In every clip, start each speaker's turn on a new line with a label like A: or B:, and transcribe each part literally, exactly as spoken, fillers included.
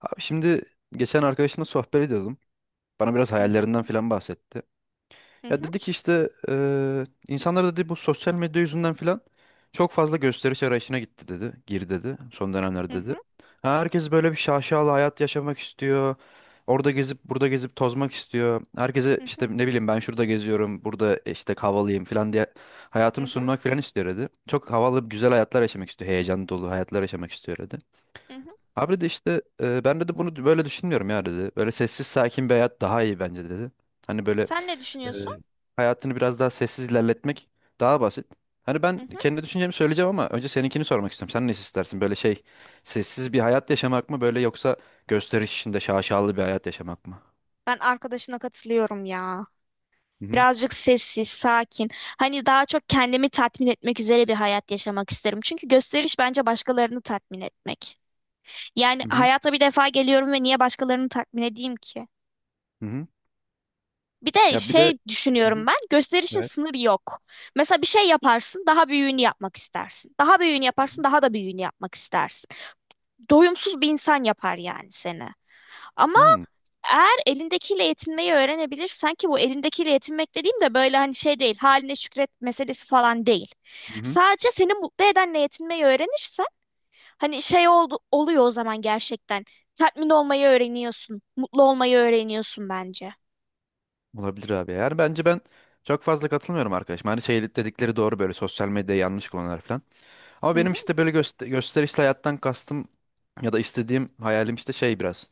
A: Abi şimdi geçen arkadaşımla sohbet ediyordum. Bana biraz
B: Hı hı,
A: hayallerinden filan bahsetti.
B: hı
A: Ya
B: hı,
A: dedi ki işte eee insanlar dedi bu sosyal medya yüzünden filan çok fazla gösteriş arayışına gitti dedi. Gir dedi son
B: hı
A: dönemlerde dedi.
B: hı,
A: Ha, herkes böyle bir şaşalı hayat yaşamak istiyor. Orada gezip burada gezip tozmak istiyor. Herkese
B: hı
A: işte
B: hı,
A: ne bileyim ben şurada geziyorum, burada işte havalıyım filan diye
B: hı
A: hayatını
B: hı,
A: sunmak filan istiyor dedi. Çok havalı güzel hayatlar yaşamak istiyor. Heyecan dolu hayatlar yaşamak istiyor dedi.
B: hı hı.
A: Abi de işte e, ben dedi bunu böyle düşünmüyorum ya dedi. Böyle sessiz sakin bir hayat daha iyi bence dedi. Hani böyle
B: Sen ne
A: e,
B: düşünüyorsun?
A: hayatını biraz daha sessiz ilerletmek daha basit. Hani
B: Hı
A: ben
B: hı.
A: kendi düşüncemi söyleyeceğim ama önce seninkini sormak istiyorum. Sen ne istersin? Böyle şey sessiz bir hayat yaşamak mı böyle yoksa gösteriş içinde şaşalı bir hayat yaşamak mı?
B: Ben arkadaşına katılıyorum ya.
A: Hı hı.
B: Birazcık sessiz, sakin. Hani daha çok kendimi tatmin etmek üzere bir hayat yaşamak isterim. Çünkü gösteriş bence başkalarını tatmin etmek. Yani
A: Hı hı.
B: hayata bir defa geliyorum ve niye başkalarını tatmin edeyim ki?
A: Hı hı.
B: Bir de
A: Ya bir de.
B: şey
A: Hı
B: düşünüyorum
A: hı.
B: ben, gösterişin
A: Evet.
B: sınırı yok. Mesela bir şey yaparsın, daha büyüğünü yapmak istersin. Daha büyüğünü
A: Hı
B: yaparsın,
A: hı.
B: daha da büyüğünü yapmak istersin. Doyumsuz bir insan yapar yani seni. Ama
A: Hmm,
B: eğer elindekiyle yetinmeyi öğrenebilirsen ki bu elindekiyle yetinmek dediğim de böyle hani şey değil, haline şükret meselesi falan değil.
A: hı hı.
B: Sadece seni mutlu edenle yetinmeyi öğrenirsen hani şey oldu, oluyor o zaman gerçekten. Tatmin olmayı öğreniyorsun, mutlu olmayı öğreniyorsun bence.
A: Olabilir abi. Yani bence ben çok fazla katılmıyorum arkadaşım. Hani şey dedikleri doğru böyle sosyal medya yanlış kullananlar falan. Ama
B: Hı
A: benim
B: hı,
A: işte böyle göster gösterişli hayattan kastım ya da istediğim hayalim işte şey biraz.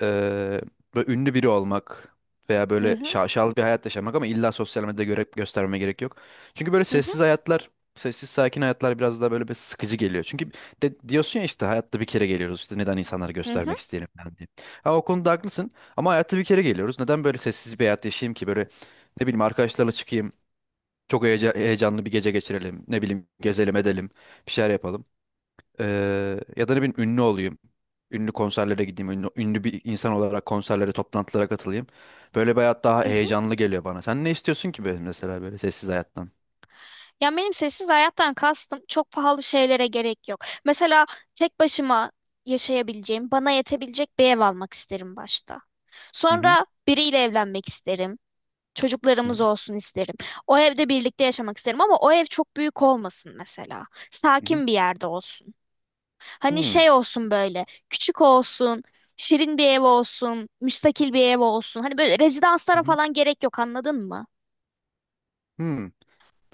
A: eee, böyle ünlü biri olmak veya
B: hı
A: böyle
B: hı,
A: şaşalı bir hayat yaşamak ama illa sosyal medyada göre göstermeme gerek yok. Çünkü böyle
B: hı hı,
A: sessiz hayatlar, sessiz sakin hayatlar biraz daha böyle bir sıkıcı geliyor. Çünkü de, diyorsun ya işte hayatta bir kere geliyoruz işte neden insanları
B: hı hı,
A: göstermek isteyelim falan diye. Ha, o konuda haklısın ama hayatta bir kere geliyoruz. Neden böyle sessiz bir hayat yaşayayım ki böyle ne bileyim arkadaşlarla çıkayım. Çok heyece- heyecanlı bir gece geçirelim. Ne bileyim gezelim edelim. Bir şeyler yapalım. Ee, ya da ne bileyim ünlü olayım. Ünlü konserlere gideyim. Ünlü, ünlü bir insan olarak konserlere, toplantılara katılayım. Böyle bir hayat daha
B: hı hı.
A: heyecanlı geliyor bana. Sen ne istiyorsun ki böyle mesela böyle sessiz hayattan?
B: Ya benim sessiz hayattan kastım çok pahalı şeylere gerek yok. Mesela tek başıma yaşayabileceğim, bana yetebilecek bir ev almak isterim başta.
A: Hı hı.
B: Sonra biriyle evlenmek isterim.
A: Hı hı.
B: Çocuklarımız olsun isterim. O evde birlikte yaşamak isterim ama o ev çok büyük olmasın mesela.
A: Hı hı.
B: Sakin bir yerde olsun. Hani şey
A: Hmm,
B: olsun böyle, küçük olsun, şirin bir ev olsun, müstakil bir ev olsun. Hani böyle
A: hı
B: rezidanslara
A: hı,
B: falan gerek yok, anladın mı?
A: hmm.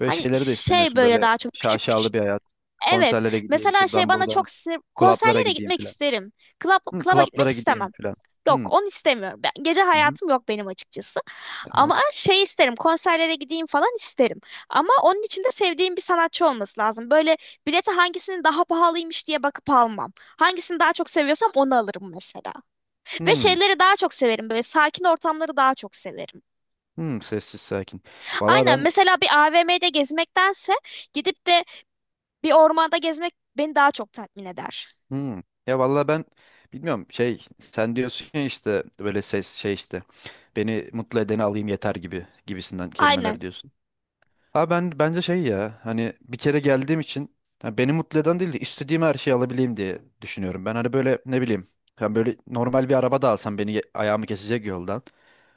A: Böyle şeyleri de
B: şey
A: istemiyorsun.
B: böyle
A: Böyle
B: daha çok küçük
A: şaşalı
B: küçük.
A: bir hayat.
B: Evet.
A: Konserlere gideyim
B: Mesela şey
A: şuradan
B: bana
A: buradan.
B: çok sinir...
A: Klaplara
B: Konserlere
A: gideyim
B: gitmek
A: filan.
B: isterim. Club,
A: Hı,
B: club'a gitmek
A: klaplara
B: istemem.
A: gideyim filan.
B: Yok,
A: Hı.
B: onu istemiyorum. Ben, gece
A: Hı hı.
B: hayatım yok benim açıkçası.
A: Tamam.
B: Ama şey isterim, konserlere gideyim falan isterim. Ama onun için de sevdiğim bir sanatçı olması lazım. Böyle bilete hangisinin daha pahalıymış diye bakıp almam. Hangisini daha çok seviyorsam onu alırım mesela. Ve
A: Hı.
B: şeyleri daha çok severim. Böyle sakin ortamları daha çok severim.
A: Hı. Sessiz sakin. Valla
B: Aynen,
A: ben.
B: mesela bir A V M'de gezmektense gidip de bir ormanda gezmek beni daha çok tatmin eder.
A: Hmm. Ya vallahi ben bilmiyorum şey sen diyorsun ya işte böyle ses şey işte beni mutlu edeni alayım yeter gibi gibisinden
B: Aynen.
A: kelimeler diyorsun. Ha ben bence şey ya hani bir kere geldiğim için ha beni mutlu eden değil de istediğim her şeyi alabileyim diye düşünüyorum. Ben hani böyle ne bileyim ben böyle normal bir araba da alsam beni ye- ayağımı kesecek yoldan.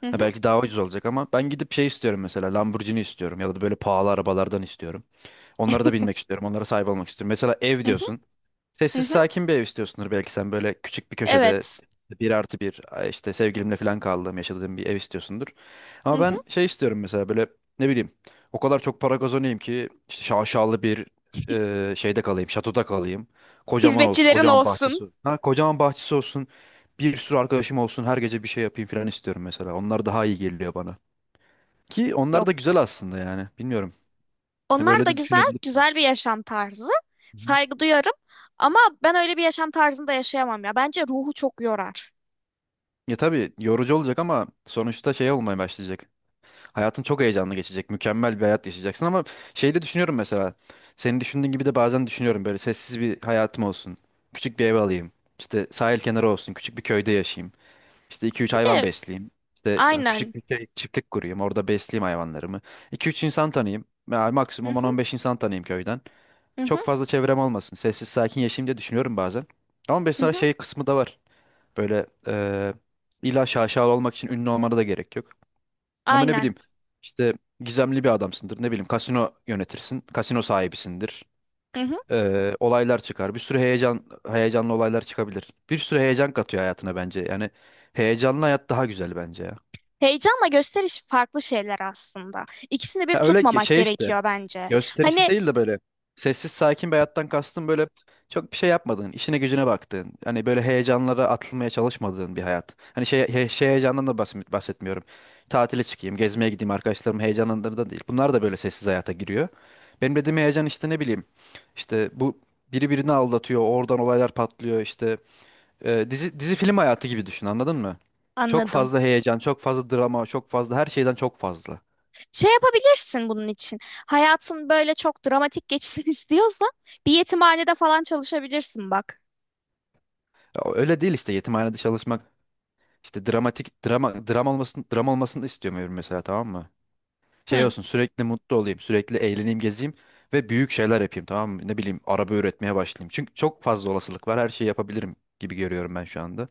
B: Hı
A: Ha
B: hı,
A: belki daha ucuz olacak ama ben gidip şey istiyorum mesela Lamborghini istiyorum ya da böyle pahalı arabalardan istiyorum. Onlara da binmek istiyorum. Onlara sahip olmak istiyorum. Mesela ev
B: hı hı,
A: diyorsun.
B: hı
A: Sessiz
B: hı.
A: sakin bir ev istiyorsundur belki sen böyle küçük bir köşede
B: Evet.
A: bir artı bir ay işte sevgilimle falan kaldığım yaşadığım bir ev istiyorsundur.
B: Hı
A: Ama
B: hı.
A: ben şey istiyorum mesela böyle ne bileyim o kadar çok para kazanayım ki işte şaşalı bir e, şeyde kalayım şatoda kalayım. Kocaman olsun
B: Hizmetçilerin
A: kocaman
B: olsun.
A: bahçesi olsun. Ha, kocaman bahçesi olsun bir sürü arkadaşım olsun her gece bir şey yapayım falan istiyorum mesela. Onlar daha iyi geliyor bana. Ki onlar da
B: Yok.
A: güzel aslında yani bilmiyorum.
B: Onlar
A: Böyle
B: da
A: de
B: güzel,
A: düşünebilirim.
B: güzel bir yaşam tarzı.
A: Hı hı.
B: Saygı duyarım. Ama ben öyle bir yaşam tarzında yaşayamam ya. Bence ruhu çok yorar.
A: Ya tabii yorucu olacak ama sonuçta şey olmaya başlayacak. Hayatın çok heyecanlı geçecek. Mükemmel bir hayat yaşayacaksın ama şeyi de düşünüyorum mesela. Senin düşündüğün gibi de bazen düşünüyorum böyle sessiz bir hayatım olsun. Küçük bir ev alayım. İşte sahil kenarı olsun. Küçük bir köyde yaşayayım. İşte iki üç
B: Bir
A: hayvan
B: de
A: besleyeyim. İşte
B: aynen.
A: küçük bir şey, çiftlik kurayım. Orada besleyeyim hayvanlarımı. iki üç insan tanıyayım. Yani
B: Hı
A: maksimum on
B: hı,
A: on beş insan tanıyayım köyden.
B: hı hı,
A: Çok fazla çevrem olmasın. Sessiz sakin yaşayayım diye düşünüyorum bazen. Ama
B: hı
A: mesela
B: hı,
A: şey kısmı da var. Böyle eee illa şaşalı olmak için ünlü olmana da gerek yok. Ama ne
B: aynen.
A: bileyim işte gizemli bir adamsındır. Ne bileyim kasino yönetirsin. Kasino sahibisindir.
B: Hı hı.
A: Ee, olaylar çıkar. Bir sürü heyecan heyecanlı olaylar çıkabilir. Bir sürü heyecan katıyor hayatına bence. Yani heyecanlı hayat daha güzel bence ya.
B: Heyecanla gösteriş farklı şeyler aslında. İkisini bir
A: Ya öyle ge-
B: tutmamak
A: şey işte
B: gerekiyor bence.
A: gösterişi
B: Hani
A: değil de böyle sessiz sakin bir hayattan kastım böyle çok bir şey yapmadığın, işine gücüne baktığın, hani böyle heyecanlara atılmaya çalışmadığın bir hayat. Hani şey, he- şey heyecandan da bahs- bahsetmiyorum. Tatile çıkayım, gezmeye gideyim arkadaşlarım heyecanından da değil. Bunlar da böyle sessiz hayata giriyor. Benim dediğim heyecan işte ne bileyim işte bu biri birini aldatıyor, oradan olaylar patlıyor işte e, dizi dizi film hayatı gibi düşün anladın mı? Çok
B: anladım.
A: fazla heyecan, çok fazla drama, çok fazla her şeyden çok fazla.
B: Şey yapabilirsin bunun için. Hayatın böyle çok dramatik geçsin istiyorsan bir yetimhanede falan çalışabilirsin, bak.
A: Ya öyle değil işte yetimhanede çalışmak işte dramatik drama dram olmasını dram olmasını istemiyorum mesela tamam mı? Şey
B: Hı,
A: olsun sürekli mutlu olayım, sürekli eğleneyim, gezeyim ve büyük şeyler yapayım tamam mı? Ne bileyim araba üretmeye başlayayım. Çünkü çok fazla olasılık var. Her şeyi yapabilirim gibi görüyorum ben şu anda.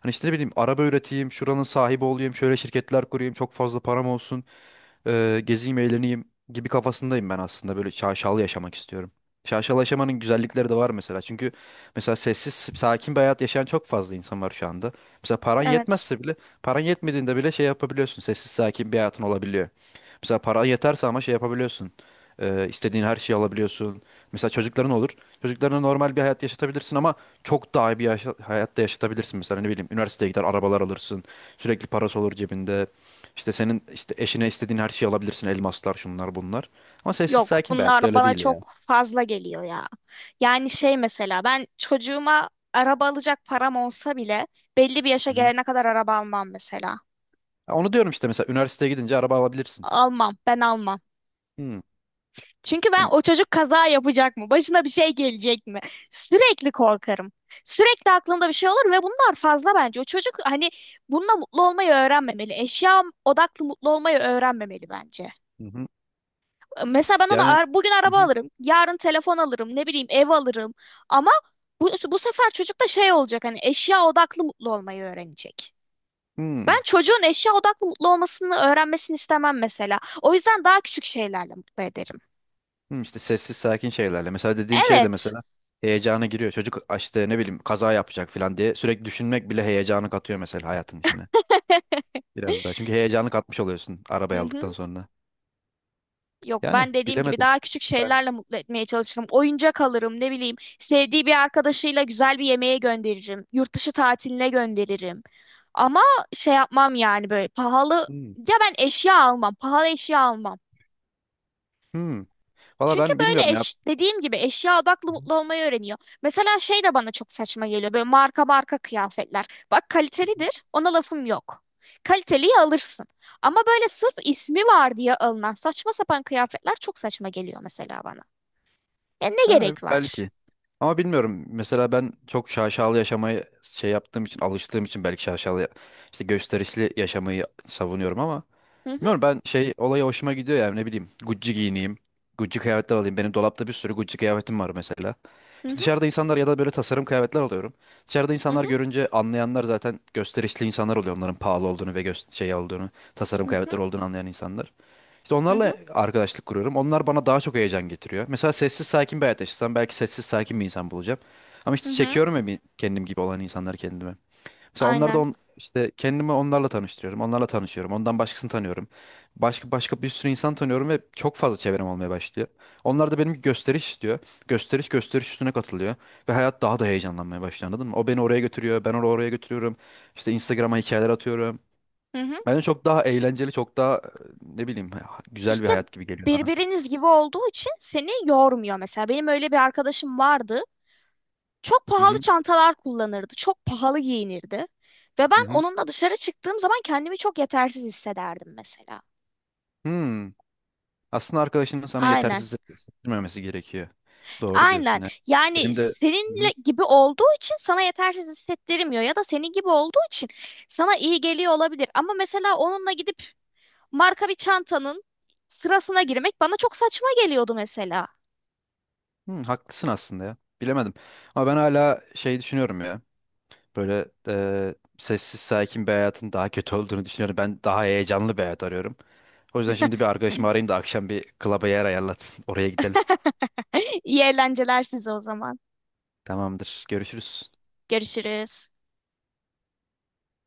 A: Hani işte ne bileyim araba üreteyim, şuranın sahibi olayım, şöyle şirketler kurayım, çok fazla param olsun e, gezeyim, eğleneyim gibi kafasındayım ben aslında. Böyle şaşalı yaşamak istiyorum. Şaşalı yaşamanın güzellikleri de var mesela. Çünkü mesela sessiz, sakin bir hayat yaşayan çok fazla insan var şu anda. Mesela paran
B: evet.
A: yetmezse bile, paran yetmediğinde bile şey yapabiliyorsun. Sessiz, sakin bir hayatın olabiliyor. Mesela paran yeterse ama şey yapabiliyorsun. Ee, istediğin her şeyi alabiliyorsun. Mesela çocukların olur. Çocuklarına normal bir hayat yaşatabilirsin ama çok daha iyi bir yaşa- hayatta yaşatabilirsin. Mesela ne bileyim üniversiteye gider arabalar alırsın. Sürekli parası olur cebinde. İşte senin işte eşine istediğin her şeyi alabilirsin. Elmaslar, şunlar, bunlar. Ama sessiz
B: Yok,
A: sakin bir hayatta
B: bunlar
A: öyle
B: bana
A: değil ya.
B: çok fazla geliyor ya. Yani şey mesela ben çocuğuma araba alacak param olsa bile belli bir yaşa
A: Hı-hı.
B: gelene kadar araba almam mesela.
A: Ya onu diyorum işte mesela üniversiteye gidince araba alabilirsin.
B: Almam, ben almam.
A: Hı.
B: Çünkü ben,
A: Hem-.
B: o çocuk kaza yapacak mı? Başına bir şey gelecek mi? Sürekli korkarım. Sürekli aklımda bir şey olur ve bunlar fazla bence. O çocuk hani bununla mutlu olmayı öğrenmemeli. Eşya odaklı mutlu olmayı öğrenmemeli bence.
A: Hı-hı.
B: Mesela ben ona
A: Yani.
B: ar- bugün araba
A: Hı-hı.
B: alırım, yarın telefon alırım, ne bileyim ev alırım. Ama bu, bu sefer çocuk da şey olacak, hani eşya odaklı mutlu olmayı öğrenecek.
A: Hı. Hı.
B: Ben çocuğun eşya odaklı mutlu olmasını öğrenmesini istemem mesela. O yüzden daha küçük şeylerle mutlu ederim.
A: Hı, işte sessiz sakin şeylerle. Mesela dediğim şey de
B: Evet.
A: mesela heyecana giriyor. Çocuk işte ne bileyim kaza yapacak falan diye sürekli düşünmek bile heyecanı katıyor mesela hayatın içine. Biraz daha. Çünkü heyecanı katmış oluyorsun
B: Hı
A: arabayı
B: hı.
A: aldıktan sonra.
B: Yok,
A: Yani
B: ben dediğim gibi
A: bilemedim.
B: daha küçük
A: Ben.
B: şeylerle mutlu etmeye çalışırım. Oyuncak alırım ne bileyim. Sevdiği bir arkadaşıyla güzel bir yemeğe gönderirim. Yurt dışı tatiline gönderirim. Ama şey yapmam yani, böyle pahalı,
A: Hı.
B: ya ben eşya almam, pahalı eşya almam.
A: Hı. Valla
B: Çünkü
A: ben
B: böyle
A: bilmiyorum ya.
B: eş, dediğim gibi eşya odaklı
A: Hı hı.
B: mutlu olmayı öğreniyor. Mesela şey de bana çok saçma geliyor. Böyle marka marka kıyafetler. Bak, kalitelidir. Ona lafım yok. Kaliteliyi alırsın. Ama böyle sırf ismi var diye alınan saçma sapan kıyafetler çok saçma geliyor mesela bana. Ya ne
A: Ha,
B: gerek var?
A: belki. Ama bilmiyorum. Mesela ben çok şaşalı yaşamayı şey yaptığım için, alıştığım için belki şaşalı işte gösterişli yaşamayı savunuyorum ama
B: Hı hı,
A: bilmiyorum ben şey olaya hoşuma gidiyor yani ne bileyim Gucci giyineyim. Gucci kıyafetler alayım. Benim dolapta bir sürü Gucci kıyafetim var mesela.
B: hı
A: İşte
B: hı,
A: dışarıda insanlar ya da böyle tasarım kıyafetler alıyorum. Dışarıda
B: hı
A: insanlar görünce anlayanlar zaten gösterişli insanlar oluyor. Onların pahalı olduğunu ve gös- şey olduğunu, tasarım
B: hı, hı
A: kıyafetler olduğunu anlayan insanlar. İşte
B: hı,
A: onlarla
B: hı
A: arkadaşlık kuruyorum. Onlar bana daha çok heyecan getiriyor. Mesela sessiz sakin bir hayat yaşasam belki sessiz sakin bir insan bulacağım. Ama işte
B: hı.
A: çekiyorum ya bir kendim gibi olan insanları kendime. Mesela onlar da
B: Aynen.
A: on, işte kendimi onlarla tanıştırıyorum. Onlarla tanışıyorum. Ondan başkasını tanıyorum. Başka başka bir sürü insan tanıyorum ve çok fazla çevrem olmaya başlıyor. Onlar da benim gösteriş istiyor. Gösteriş gösteriş üstüne katılıyor. Ve hayat daha da heyecanlanmaya başlıyor anladın mı? O beni oraya götürüyor. Ben onu oraya götürüyorum. İşte Instagram'a hikayeler atıyorum.
B: Hı hı.
A: Bence çok daha eğlenceli, çok daha e, ne bileyim ha- güzel bir
B: İşte
A: hayat gibi geliyor bana.
B: birbiriniz gibi olduğu için seni yormuyor. Mesela benim öyle bir arkadaşım vardı. Çok
A: Hı
B: pahalı
A: hı.
B: çantalar kullanırdı. Çok pahalı giyinirdi. Ve
A: Hı
B: ben
A: hı.
B: onunla dışarı çıktığım zaman kendimi çok yetersiz hissederdim mesela.
A: Hmm. Aslında arkadaşının sana
B: Aynen.
A: yetersiz hissettirmemesi gerekiyor. Doğru diyorsun
B: Aynen.
A: ya.
B: Yani
A: Benim de. Hı hı.
B: seninle gibi olduğu için sana yetersiz hissettirmiyor, ya da senin gibi olduğu için sana iyi geliyor olabilir. Ama mesela onunla gidip marka bir çantanın sırasına girmek bana çok saçma geliyordu mesela.
A: Hı, haklısın aslında ya. Bilemedim. Ama ben hala şey düşünüyorum ya. Böyle e, sessiz sakin bir hayatın daha kötü olduğunu düşünüyorum. Ben daha heyecanlı bir hayat arıyorum. O yüzden şimdi bir arkadaşımı arayayım da akşam bir klaba yer ayarlatsın. Oraya gidelim.
B: İyi eğlenceler size o zaman.
A: Tamamdır. Görüşürüz.
B: Görüşürüz.